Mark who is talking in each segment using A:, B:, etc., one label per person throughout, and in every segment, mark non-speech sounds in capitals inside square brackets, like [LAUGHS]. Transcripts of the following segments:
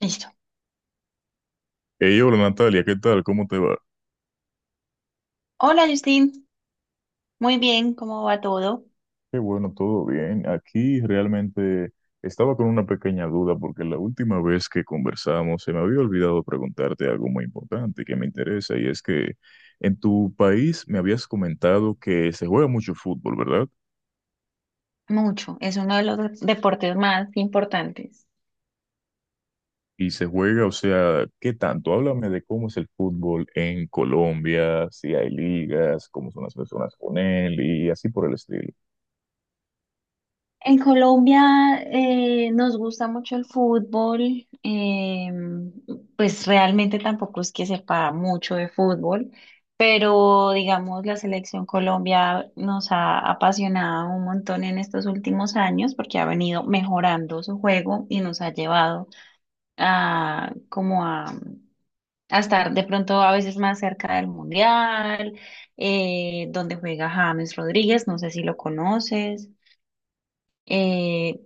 A: Listo.
B: Hey, hola Natalia, ¿qué tal? ¿Cómo te va?
A: Hola, Justin. Muy bien, ¿cómo va todo?
B: Qué bueno, todo bien. Aquí realmente estaba con una pequeña duda porque la última vez que conversamos se me había olvidado preguntarte algo muy importante que me interesa y es que en tu país me habías comentado que se juega mucho fútbol, ¿verdad?
A: Mucho. Es uno de los deportes más importantes.
B: Y se juega, o sea, ¿qué tanto? Háblame de cómo es el fútbol en Colombia, si hay ligas, cómo son las personas con él y así por el estilo.
A: En Colombia nos gusta mucho el fútbol. Pues realmente tampoco es que sepa mucho de fútbol, pero digamos la selección Colombia nos ha apasionado un montón en estos últimos años porque ha venido mejorando su juego y nos ha llevado a como a estar de pronto a veces más cerca del Mundial, donde juega James Rodríguez, no sé si lo conoces. Eh,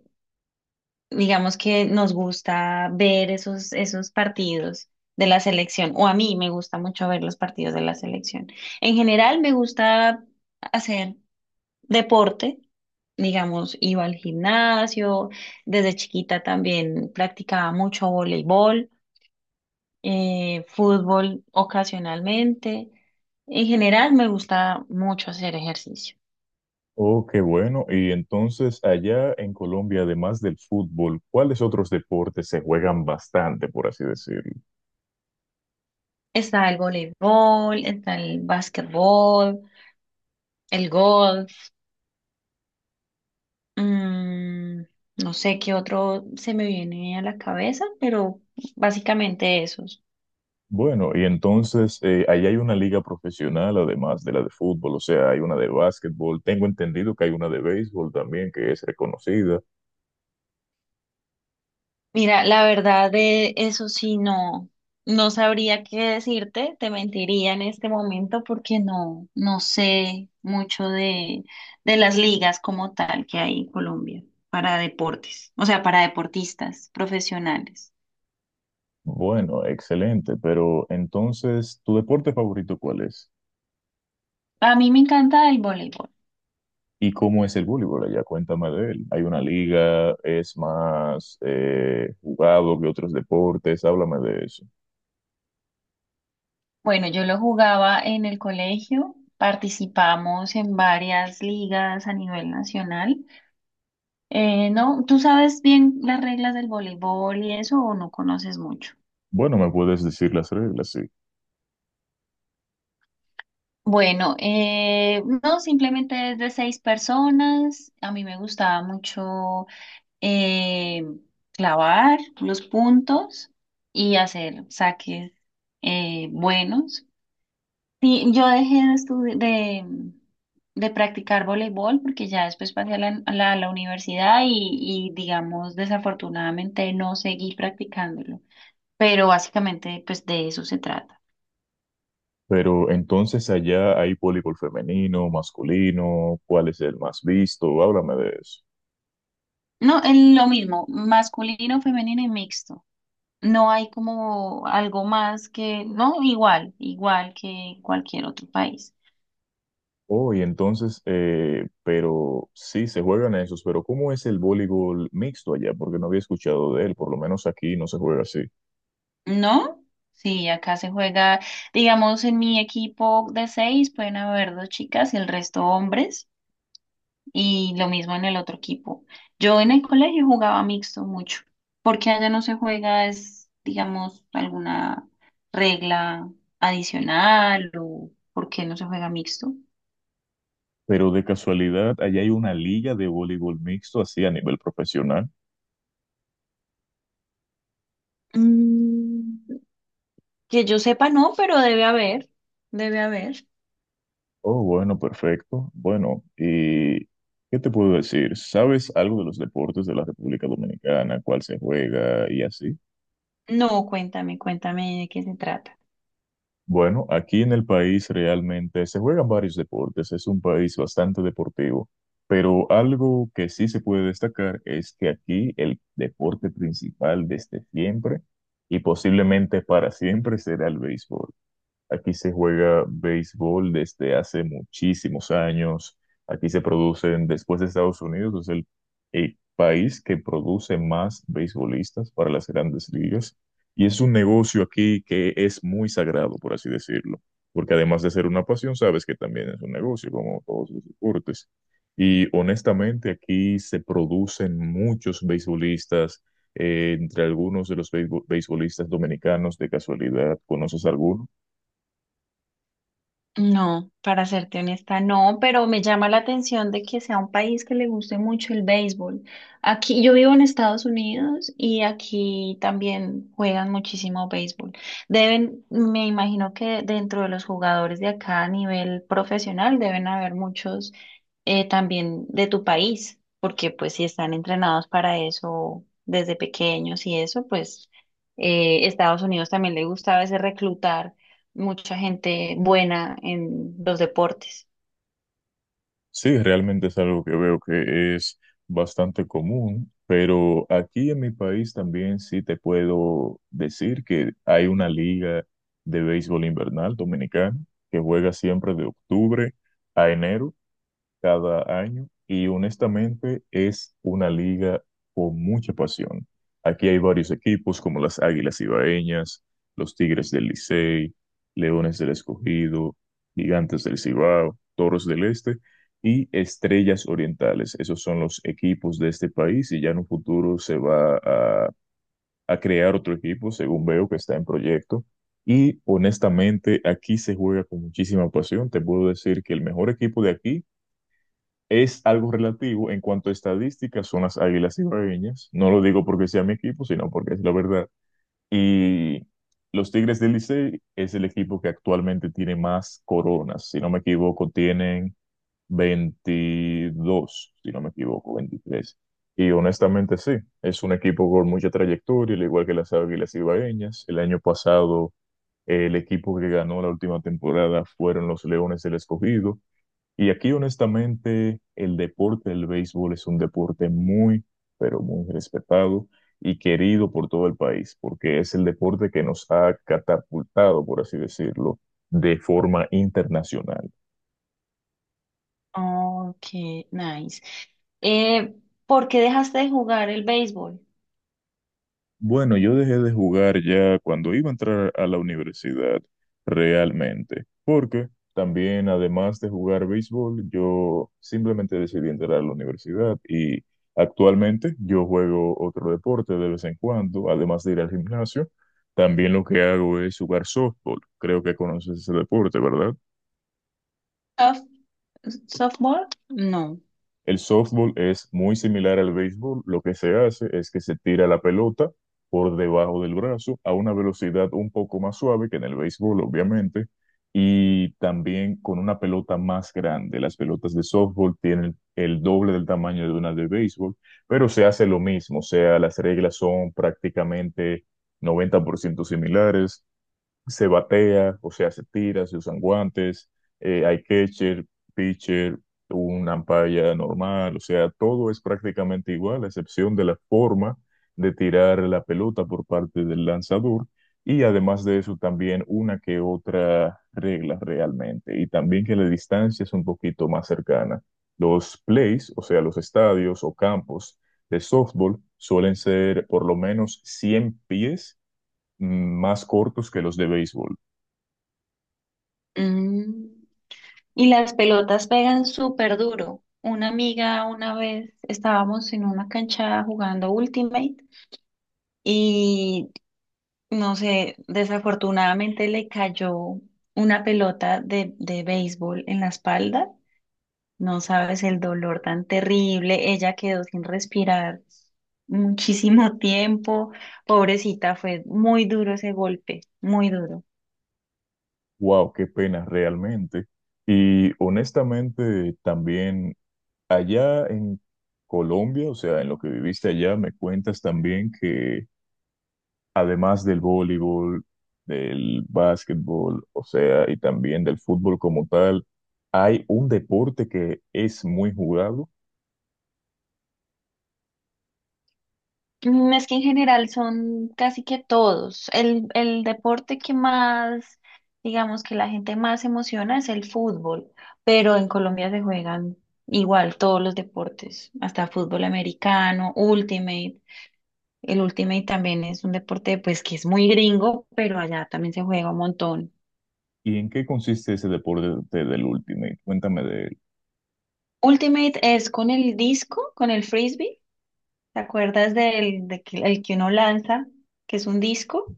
A: digamos que nos gusta ver esos partidos de la selección, o a mí me gusta mucho ver los partidos de la selección. En general me gusta hacer deporte. Digamos, iba al gimnasio, desde chiquita también practicaba mucho voleibol. Fútbol ocasionalmente. En general me gusta mucho hacer ejercicio.
B: Oh, qué bueno. Y entonces, allá en Colombia, además del fútbol, ¿cuáles otros deportes se juegan bastante, por así decirlo?
A: Está el voleibol, está el básquetbol, el golf, mm, no sé qué otro se me viene a la cabeza, pero básicamente esos.
B: Bueno, y entonces, allá hay una liga profesional, además de la de fútbol, o sea, hay una de básquetbol. Tengo entendido que hay una de béisbol también, que es reconocida.
A: Mira, la verdad de eso sí no, no sabría qué decirte, te mentiría en este momento porque no, no sé mucho de las ligas como tal que hay en Colombia para deportes, o sea, para deportistas profesionales.
B: Bueno, excelente. Pero entonces, ¿tu deporte favorito cuál es?
A: A mí me encanta el voleibol.
B: ¿Y cómo es el voleibol allá? Cuéntame de él. ¿Hay una liga? ¿Es más jugado que otros deportes? Háblame de eso.
A: Bueno, yo lo jugaba en el colegio, participamos en varias ligas a nivel nacional. No, ¿tú sabes bien las reglas del voleibol y eso o no conoces mucho?
B: Bueno, me puedes decir las reglas, sí.
A: Bueno, no, simplemente es de seis personas. A mí me gustaba mucho eh, clavar los puntos y hacer saques buenos. Sí, yo dejé de, estudi- de practicar voleibol porque ya después pasé a la universidad y, digamos, desafortunadamente no seguí practicándolo. Pero básicamente, pues de eso se trata.
B: Pero entonces allá hay voleibol femenino, masculino, ¿cuál es el más visto? Háblame de eso.
A: No, es lo mismo, masculino, femenino y mixto. No hay como algo más que, no, igual, igual que en cualquier otro país.
B: Oh, y entonces, pero sí, se juegan esos, pero ¿cómo es el voleibol mixto allá? Porque no había escuchado de él, por lo menos aquí no se juega así.
A: ¿No? Sí, acá se juega, digamos, en mi equipo de seis pueden haber dos chicas y el resto hombres, y lo mismo en el otro equipo. Yo en el colegio jugaba mixto mucho, porque allá no se juega, es, digamos, alguna regla adicional o por qué no se juega mixto.
B: Pero de casualidad, allá hay una liga de voleibol mixto así a nivel profesional.
A: Mm, que yo sepa, no, pero debe haber, debe haber.
B: Oh, bueno, perfecto. Bueno, ¿y qué te puedo decir? ¿Sabes algo de los deportes de la República Dominicana, cuál se juega y así?
A: No, cuéntame, cuéntame de qué se trata.
B: Bueno, aquí en el país realmente se juegan varios deportes, es un país bastante deportivo, pero algo que sí se puede destacar es que aquí el deporte principal desde siempre y posiblemente para siempre será el béisbol. Aquí se juega béisbol desde hace muchísimos años. Aquí se producen, después de Estados Unidos, es el país que produce más beisbolistas para las grandes ligas. Y es un negocio aquí que es muy sagrado, por así decirlo. Porque además de ser una pasión, sabes que también es un negocio, como todos los deportes. Y honestamente, aquí se producen muchos beisbolistas. Entre algunos de los beisbolistas dominicanos, de casualidad, ¿conoces alguno?
A: No, para serte honesta, no, pero me llama la atención de que sea un país que le guste mucho el béisbol. Aquí yo vivo en Estados Unidos y aquí también juegan muchísimo béisbol. Deben, me imagino que dentro de los jugadores de acá a nivel profesional deben haber muchos también de tu país, porque pues si están entrenados para eso desde pequeños y eso, pues Estados Unidos también le gusta a veces reclutar mucha gente buena en los deportes.
B: Sí, realmente es algo que veo que es bastante común, pero aquí en mi país también sí te puedo decir que hay una liga de béisbol invernal dominicana que juega siempre de octubre a enero cada año y honestamente es una liga con mucha pasión. Aquí hay varios equipos como las Águilas Ibaeñas, los Tigres del Licey, Leones del Escogido, Gigantes del Cibao, Toros del Este y Estrellas Orientales. Esos son los equipos de este país y ya en un futuro se va a crear otro equipo, según veo que está en proyecto. Y honestamente, aquí se juega con muchísima pasión. Te puedo decir que el mejor equipo de aquí es algo relativo en cuanto a estadísticas, son las Águilas Ibaeñas. No lo digo porque sea mi equipo, sino porque es la verdad. Y los Tigres del Licey es el equipo que actualmente tiene más coronas. Si no me equivoco, tienen 22, si no me equivoco, 23. Y honestamente sí, es un equipo con mucha trayectoria, al igual que las Águilas Ibaeñas. El año pasado, el equipo que ganó la última temporada fueron los Leones del Escogido y aquí, honestamente, el deporte del béisbol es un deporte muy, pero muy respetado y querido por todo el país, porque es el deporte que nos ha catapultado, por así decirlo, de forma internacional.
A: Ok, nice. Eh, ¿Por qué dejaste de jugar el béisbol?
B: Bueno, yo dejé de jugar ya cuando iba a entrar a la universidad, realmente, porque también, además de jugar béisbol, yo simplemente decidí entrar a la universidad y actualmente yo juego otro deporte de vez en cuando, además de ir al gimnasio, también lo que hago es jugar softball. Creo que conoces ese deporte, ¿verdad?
A: ¿Soft- Softball? No.
B: El softball es muy similar al béisbol. Lo que se hace es que se tira la pelota por debajo del brazo a una velocidad un poco más suave que en el béisbol, obviamente, y también con una pelota más grande. Las pelotas de softball tienen el doble del tamaño de una de béisbol, pero se hace lo mismo. O sea, las reglas son prácticamente 90% similares, se batea, o sea, se tira, se usan guantes, hay catcher, pitcher, un umpire normal, o sea, todo es prácticamente igual, a excepción de la forma de tirar la pelota por parte del lanzador. Y además de eso, también una que otra regla realmente. Y también que la distancia es un poquito más cercana. Los plays, o sea, los estadios o campos de softball, suelen ser por lo menos 100 pies mm, más cortos que los de béisbol.
A: Mm, Y las pelotas pegan súper duro. Una amiga una vez estábamos en una cancha jugando Ultimate y no sé, desafortunadamente le cayó una pelota de béisbol en la espalda. No sabes el dolor tan terrible. Ella quedó sin respirar muchísimo [LAUGHS] tiempo. Pobrecita, fue muy duro ese golpe, muy duro.
B: Wow, qué pena realmente. Y honestamente, también allá en Colombia, o sea, en lo que viviste allá, me cuentas también que además del voleibol, del básquetbol, o sea, y también del fútbol como tal, hay un deporte que es muy jugado.
A: Es que en general son casi que todos. El deporte que más, digamos que la gente más se emociona es el fútbol, pero en Colombia se juegan igual todos los deportes, hasta fútbol americano, ultimate. El ultimate también es un deporte pues que es muy gringo, pero allá también se juega un montón.
B: ¿Y en qué consiste ese deporte del Ultimate? Cuéntame de él.
A: Ultimate es con el disco, con el frisbee. ¿Te acuerdas del de que, el que uno lanza, que es un disco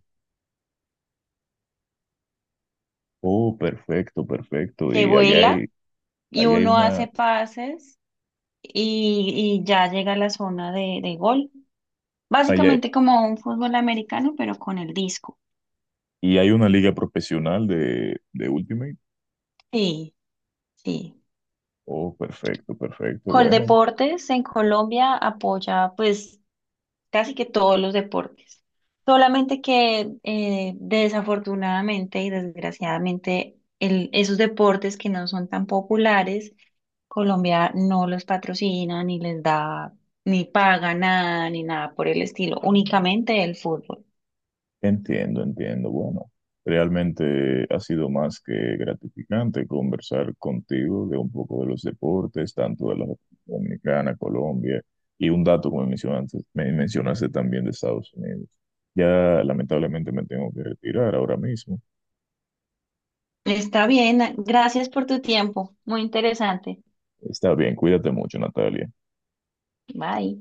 B: Oh, perfecto, perfecto.
A: que
B: Y
A: vuela y
B: allá hay
A: uno hace
B: una,
A: pases y ya llega a la zona de gol?
B: allá
A: Básicamente como un fútbol americano, pero con el disco.
B: ¿y hay una liga profesional de Ultimate?
A: Sí, sí.
B: Oh, perfecto, perfecto. Bueno,
A: Coldeportes en Colombia apoya pues casi que todos los deportes. Solamente que desafortunadamente y desgraciadamente esos deportes que no son tan populares, Colombia no los patrocina, ni les da, ni paga nada, ni nada por el estilo, únicamente el fútbol.
B: entiendo, entiendo. Bueno, realmente ha sido más que gratificante conversar contigo de un poco de los deportes, tanto de la República Dominicana, Colombia, y un dato como mencionaste, me mencionaste también de Estados Unidos. Ya lamentablemente me tengo que retirar ahora mismo.
A: Está bien, gracias por tu tiempo, muy interesante.
B: Está bien, cuídate mucho, Natalia.
A: Bye.